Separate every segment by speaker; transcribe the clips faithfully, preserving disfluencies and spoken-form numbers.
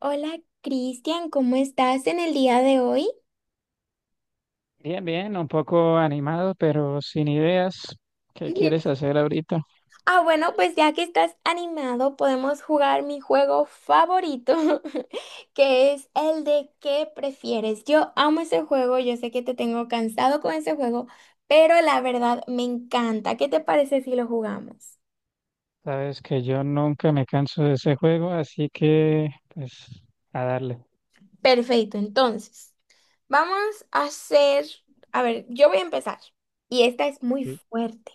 Speaker 1: Hola Cristian, ¿cómo estás en el día de hoy?
Speaker 2: Bien, bien, un poco animado, pero sin ideas. ¿Qué quieres hacer ahorita?
Speaker 1: Ah, bueno, pues ya que estás animado, podemos jugar mi juego favorito, que es el de ¿qué prefieres? Yo amo ese juego, yo sé que te tengo cansado con ese juego, pero la verdad me encanta. ¿Qué te parece si lo jugamos?
Speaker 2: Sabes que yo nunca me canso de ese juego, así que pues a darle.
Speaker 1: Perfecto, entonces, vamos a hacer, a ver, yo voy a empezar y esta es muy
Speaker 2: Sí.
Speaker 1: fuerte.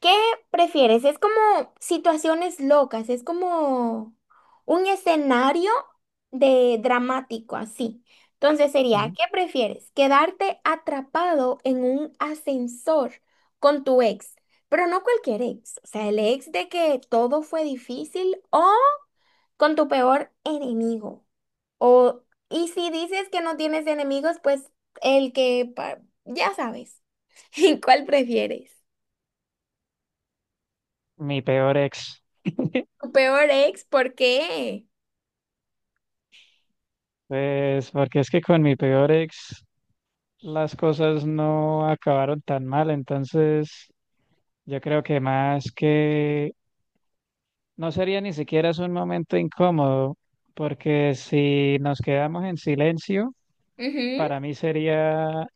Speaker 1: ¿Qué prefieres? Es como situaciones locas, es como un escenario de dramático así. Entonces sería,
Speaker 2: Mm,
Speaker 1: ¿qué prefieres? ¿Quedarte atrapado en un ascensor con tu ex? Pero no cualquier ex, o sea, el ex de que todo fue difícil o con tu peor enemigo. O, y si dices que no tienes enemigos, pues el que, pa- ya sabes, ¿cuál prefieres?
Speaker 2: mi peor ex.
Speaker 1: ¿Tu peor ex? ¿Por qué?
Speaker 2: Pues porque es que con mi peor ex las cosas no acabaron tan mal, entonces yo creo que más que no sería ni siquiera es un momento incómodo, porque si nos quedamos en silencio,
Speaker 1: Ujú.
Speaker 2: para mí sería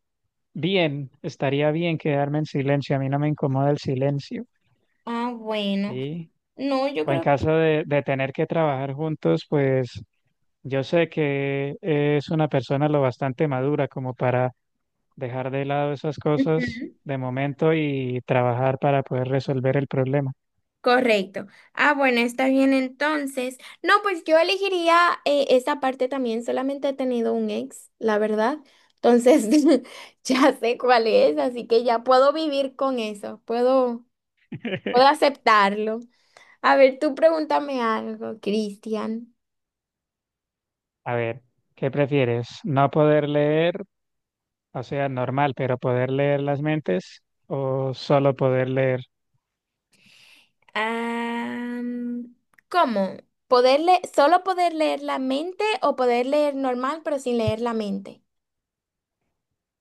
Speaker 2: bien, estaría bien quedarme en silencio, a mí no me incomoda el silencio.
Speaker 1: Ah, bueno.
Speaker 2: ¿Sí?
Speaker 1: No, yo
Speaker 2: O en
Speaker 1: creo que...
Speaker 2: caso de, de tener que trabajar juntos, pues yo sé que es una persona lo bastante madura como para dejar de lado esas cosas
Speaker 1: Ujú.
Speaker 2: de momento y trabajar para poder resolver el problema.
Speaker 1: Correcto. Ah, bueno, está bien entonces. No, pues yo elegiría eh, esa parte también. Solamente he tenido un ex, la verdad. Entonces, ya sé cuál es, así que ya puedo vivir con eso. Puedo, puedo aceptarlo. A ver, tú pregúntame algo, Cristian.
Speaker 2: A ver, ¿qué prefieres? ¿No poder leer, o sea, normal, pero poder leer las mentes o solo poder leer?
Speaker 1: Ah, ¿cómo? ¿Poder le- solo poder leer la mente o poder leer normal pero sin leer la mente?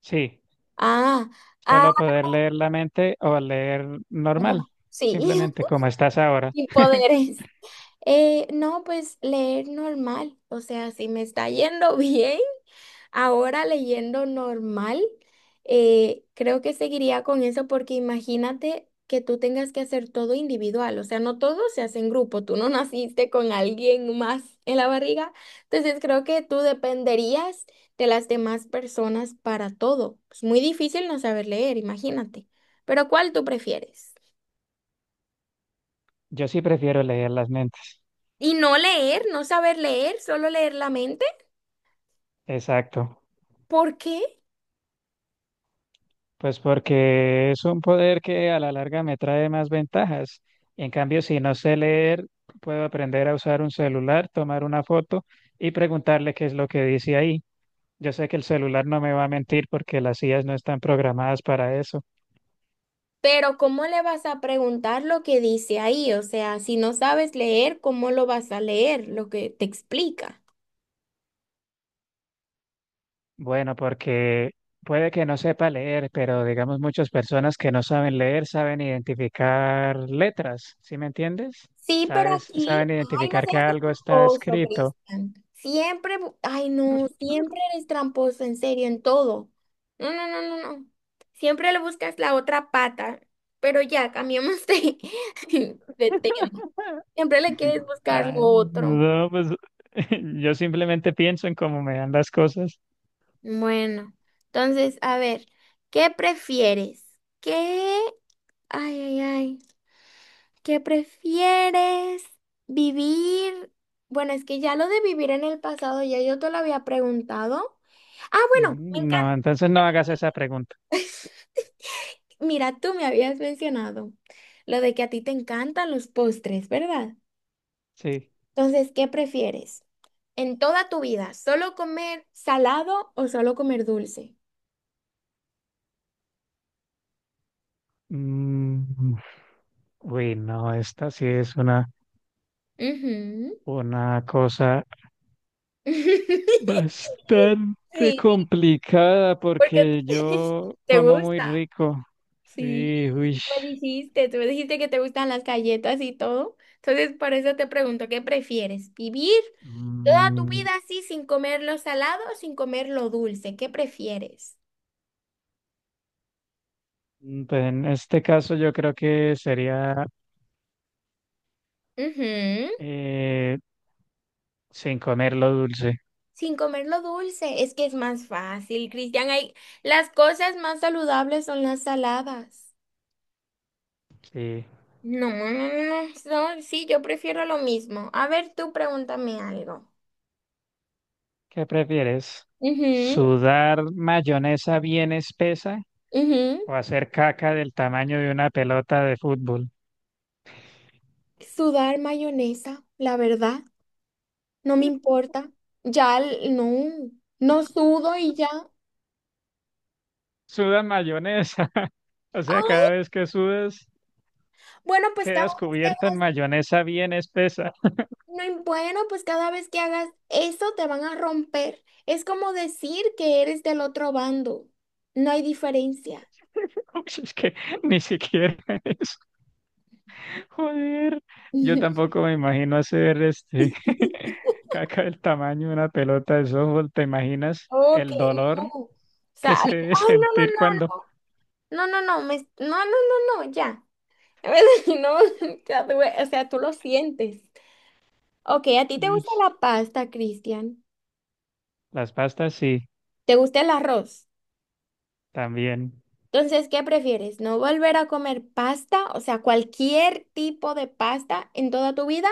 Speaker 2: Sí,
Speaker 1: Ah, ah,
Speaker 2: solo poder leer la mente o leer normal,
Speaker 1: no, sí,
Speaker 2: simplemente como estás ahora.
Speaker 1: sin poderes. Eh, no, pues leer normal, o sea, si me está yendo bien, ahora leyendo normal, eh, creo que seguiría con eso porque imagínate que tú tengas que hacer todo individual, o sea, no todo se hace en grupo, tú no naciste con alguien más en la barriga, entonces creo que tú dependerías de las demás personas para todo. Es muy difícil no saber leer, imagínate. Pero ¿cuál tú prefieres?
Speaker 2: Yo sí prefiero leer las mentes.
Speaker 1: Y no leer, no saber leer, solo leer la mente.
Speaker 2: Exacto,
Speaker 1: ¿Por qué?
Speaker 2: pues porque es un poder que a la larga me trae más ventajas. En cambio, si no sé leer, puedo aprender a usar un celular, tomar una foto y preguntarle qué es lo que dice ahí. Yo sé que el celular no me va a mentir porque las I As no están programadas para eso.
Speaker 1: Pero ¿cómo le vas a preguntar lo que dice ahí? O sea, si no sabes leer, ¿cómo lo vas a leer? Lo que te explica.
Speaker 2: Bueno, porque puede que no sepa leer, pero digamos muchas personas que no saben leer saben identificar letras, ¿sí me entiendes?
Speaker 1: Sí, pero
Speaker 2: Sabes,
Speaker 1: aquí,
Speaker 2: saben
Speaker 1: ay, no
Speaker 2: identificar que
Speaker 1: seas
Speaker 2: algo está
Speaker 1: tramposo,
Speaker 2: escrito.
Speaker 1: Cristian. Siempre, bu- ay, no, siempre eres tramposo, en serio, en todo. No, no, no, no, no. Siempre le buscas la otra pata, pero ya, cambiamos de, de tema.
Speaker 2: Bueno,
Speaker 1: Siempre le quieres buscar lo
Speaker 2: Ah,
Speaker 1: otro.
Speaker 2: no, pues yo simplemente pienso en cómo me dan las cosas.
Speaker 1: Bueno, entonces, a ver, ¿qué prefieres? ¿Qué? Ay, ay, ay. ¿Qué prefieres? ¿Vivir? Bueno, es que ya lo de vivir en el pasado, ya yo te lo había preguntado. Ah, bueno, me
Speaker 2: Mm, no,
Speaker 1: encanta.
Speaker 2: entonces no hagas esa pregunta.
Speaker 1: Mira, tú me habías mencionado lo de que a ti te encantan los postres, ¿verdad?
Speaker 2: Sí.
Speaker 1: Entonces, ¿qué prefieres? En toda tu vida, ¿solo comer salado o solo comer dulce?
Speaker 2: Mm, uy, no, esta sí es una,
Speaker 1: Ujú.
Speaker 2: una cosa bastante
Speaker 1: Sí,
Speaker 2: complicada
Speaker 1: porque
Speaker 2: porque yo
Speaker 1: te
Speaker 2: como muy
Speaker 1: gusta.
Speaker 2: rico.
Speaker 1: Sí.
Speaker 2: Sí, uy.
Speaker 1: Me dijiste, tú me dijiste que te gustan las galletas y todo. Entonces, por eso te pregunto, ¿qué prefieres? ¿Vivir toda tu
Speaker 2: Mm,
Speaker 1: vida así sin comer lo salado o sin comer lo dulce? ¿Qué prefieres?
Speaker 2: pues en este caso yo creo que sería
Speaker 1: Ujú,
Speaker 2: eh, sin comer lo dulce.
Speaker 1: sin comer lo dulce, es que es más fácil, Cristian. Hay... Las cosas más saludables son las saladas.
Speaker 2: Sí.
Speaker 1: No, no, no, no, no, sí, yo prefiero lo mismo. A ver, tú pregúntame algo.
Speaker 2: ¿Qué prefieres?
Speaker 1: Ujú,
Speaker 2: ¿Sudar mayonesa bien espesa
Speaker 1: ujú.
Speaker 2: o hacer caca del tamaño de una pelota de fútbol?
Speaker 1: Sudar mayonesa, la verdad. No me importa. Ya l- no, no sudo y ya.
Speaker 2: Suda mayonesa, o
Speaker 1: Ah,
Speaker 2: sea, cada vez que sudas
Speaker 1: bueno, pues cada
Speaker 2: quedas
Speaker 1: vez que
Speaker 2: cubierta en
Speaker 1: hagas,
Speaker 2: mayonesa bien espesa.
Speaker 1: no, im- bueno, pues cada vez que hagas eso te van a romper. Es como decir que eres del otro bando. No hay diferencia.
Speaker 2: Uy, es que ni siquiera eso. Joder, yo tampoco me imagino hacer este caca del tamaño de una pelota de softball. ¿Te imaginas
Speaker 1: Ok,
Speaker 2: el
Speaker 1: no.
Speaker 2: dolor
Speaker 1: O
Speaker 2: que
Speaker 1: sea, ay,
Speaker 2: se debe
Speaker 1: ay, no,
Speaker 2: sentir
Speaker 1: no,
Speaker 2: cuando
Speaker 1: no, no. No, no, no, me- no, no, no, no, ya. En vez de- No, ya tuve- o sea, tú lo sientes. Ok, ¿a ti te
Speaker 2: uy,
Speaker 1: gusta la pasta, Cristian?
Speaker 2: las pastas sí,
Speaker 1: ¿Te gusta el arroz?
Speaker 2: también.
Speaker 1: Entonces, ¿qué prefieres? ¿No volver a comer pasta, o sea, cualquier tipo de pasta en toda tu vida,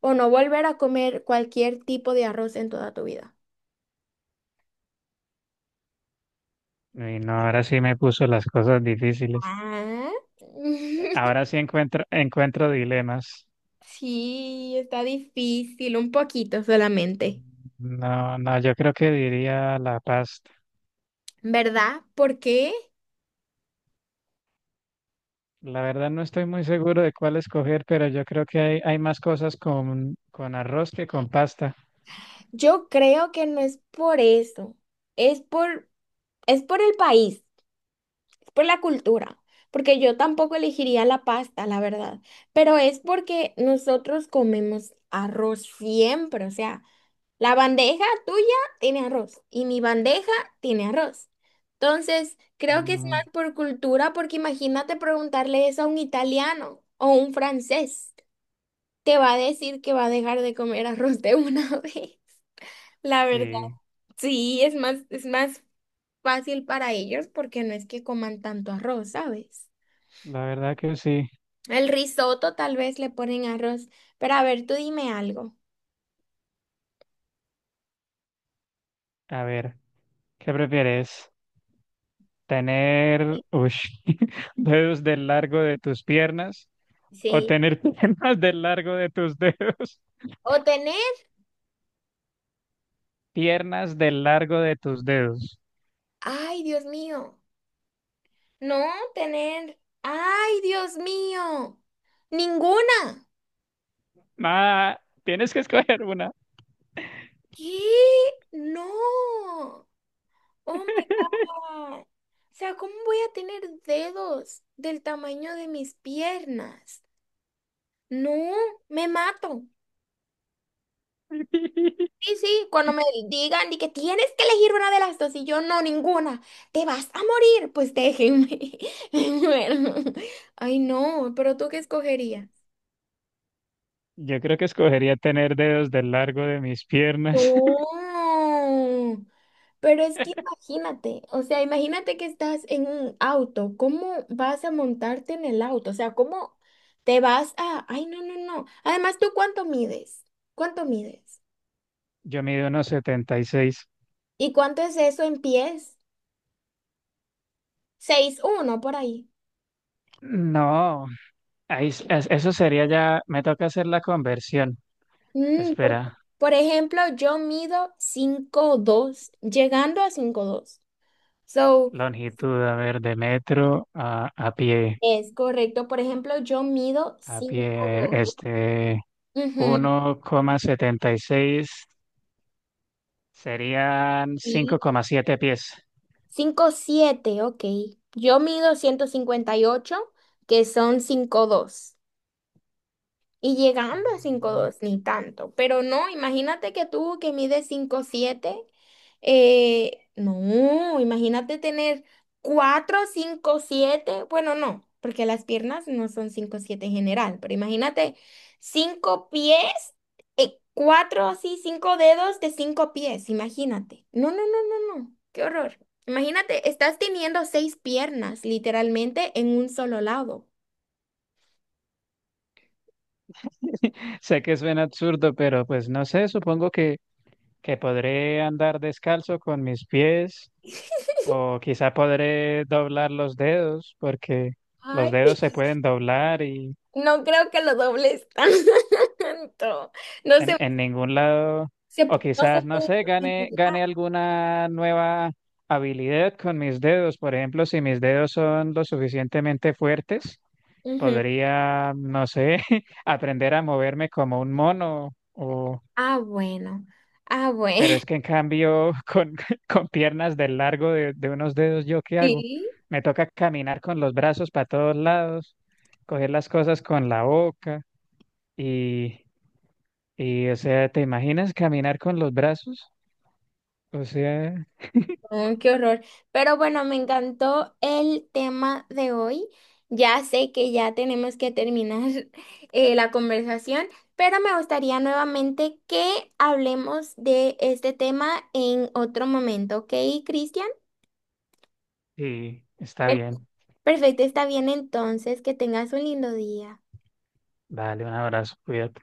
Speaker 1: o no volver a comer cualquier tipo de arroz en toda tu vida?
Speaker 2: Y no, ahora sí me puso las cosas difíciles.
Speaker 1: Ah.
Speaker 2: Ahora sí encuentro, encuentro dilemas.
Speaker 1: Sí, está difícil, un poquito solamente,
Speaker 2: No, no, yo creo que diría la pasta.
Speaker 1: ¿verdad? Porque
Speaker 2: La verdad no estoy muy seguro de cuál escoger, pero yo creo que hay, hay más cosas con, con arroz que con pasta.
Speaker 1: yo creo que no es por eso, es por, es por el país. Por la cultura, porque yo tampoco elegiría la pasta, la verdad, pero es porque nosotros comemos arroz siempre, o sea, la bandeja tuya tiene arroz y mi bandeja tiene arroz. Entonces, creo que es más
Speaker 2: Mm,
Speaker 1: por cultura, porque imagínate preguntarle eso a un italiano o un francés, te va a decir que va a dejar de comer arroz de una vez. La verdad,
Speaker 2: sí,
Speaker 1: sí, es más, es más fácil para ellos porque no es que coman tanto arroz, ¿sabes?
Speaker 2: la verdad que sí.
Speaker 1: El risotto tal vez le ponen arroz. Pero a ver, tú dime algo.
Speaker 2: A ver, ¿qué prefieres? ¿Tener ush, dedos del largo de tus piernas o
Speaker 1: Sí.
Speaker 2: tener piernas del largo de tus dedos?
Speaker 1: O tener,
Speaker 2: Piernas del largo de tus dedos.
Speaker 1: ay, Dios mío. No, tener, ay, Dios mío. Ninguna.
Speaker 2: Ah, tienes que escoger una.
Speaker 1: ¿Qué? No. Oh my God. O sea, ¿cómo voy a tener dedos del tamaño de mis piernas? No, me mato. Sí, sí, cuando me digan y que tienes que elegir una de las dos y yo no, ninguna, te vas a morir, pues déjenme. Bueno, ay no, pero ¿tú qué escogerías?
Speaker 2: Yo creo que escogería tener dedos del largo de mis piernas.
Speaker 1: No, pero es que imagínate, o sea, imagínate que estás en un auto, ¿cómo vas a montarte en el auto? O sea, ¿cómo te vas a... Ay, no, no, no. Además, ¿tú cuánto mides? ¿Cuánto mides?
Speaker 2: Yo mido unos setenta y seis.
Speaker 1: ¿Y cuánto es eso en pies? Seis, uno, por ahí.
Speaker 2: No, ahí, es- es- eso sería ya, me toca hacer la conversión.
Speaker 1: Mm, por,
Speaker 2: Espera,
Speaker 1: por ejemplo, yo mido cinco dos llegando a cinco dos. So,
Speaker 2: longitud, a ver, de metro a, a pie,
Speaker 1: es correcto. Por ejemplo, yo mido
Speaker 2: a pie,
Speaker 1: cinco'dos.
Speaker 2: este,
Speaker 1: Ujú,
Speaker 2: uno coma setenta y seis serían
Speaker 1: sí.
Speaker 2: cinco coma siete pies.
Speaker 1: Cinco siete. Ok. Yo mido ciento cincuenta y ocho que son cinco dos. Y llegando a cinco dos ni tanto. Pero no, imagínate que tú que mides cinco siete eh, no, imagínate tener cuatro cinco siete bueno, no, porque las piernas no son cinco siete en general, pero imagínate cinco pies, eh cuatro así, cinco dedos de cinco pies, imagínate. No, no, no, no, no, qué horror. Imagínate, estás teniendo seis piernas literalmente en un solo lado.
Speaker 2: Sé que suena absurdo, pero pues no sé, supongo que, que podré andar descalzo con mis pies o quizá podré doblar los dedos porque los
Speaker 1: Ay.
Speaker 2: dedos se pueden doblar y
Speaker 1: No creo que lo dobles tanto. No se,
Speaker 2: en, en ningún lado,
Speaker 1: se-
Speaker 2: o
Speaker 1: no se
Speaker 2: quizás, no
Speaker 1: puede
Speaker 2: sé, gane,
Speaker 1: revelar.
Speaker 2: gane alguna nueva habilidad con mis dedos. Por ejemplo, si mis dedos son lo suficientemente fuertes,
Speaker 1: Ujú.
Speaker 2: podría, no sé, aprender a moverme como un mono.
Speaker 1: Ah, bueno. Ah,
Speaker 2: Pero
Speaker 1: bueno.
Speaker 2: es que en cambio, con, con piernas del largo de, de unos dedos, ¿yo qué hago?
Speaker 1: Sí.
Speaker 2: Me toca caminar con los brazos para todos lados, coger las cosas con la boca y, y, o sea, ¿te imaginas caminar con los brazos? O sea,
Speaker 1: Mm, qué horror. Pero bueno, me encantó el tema de hoy. Ya sé que ya tenemos que terminar eh, la conversación, pero me gustaría nuevamente que hablemos de este tema en otro momento, ¿ok, Cristian?
Speaker 2: sí, está
Speaker 1: Per-
Speaker 2: bien.
Speaker 1: Perfecto, está bien entonces. Que tengas un lindo día.
Speaker 2: Dale un abrazo, cuídate.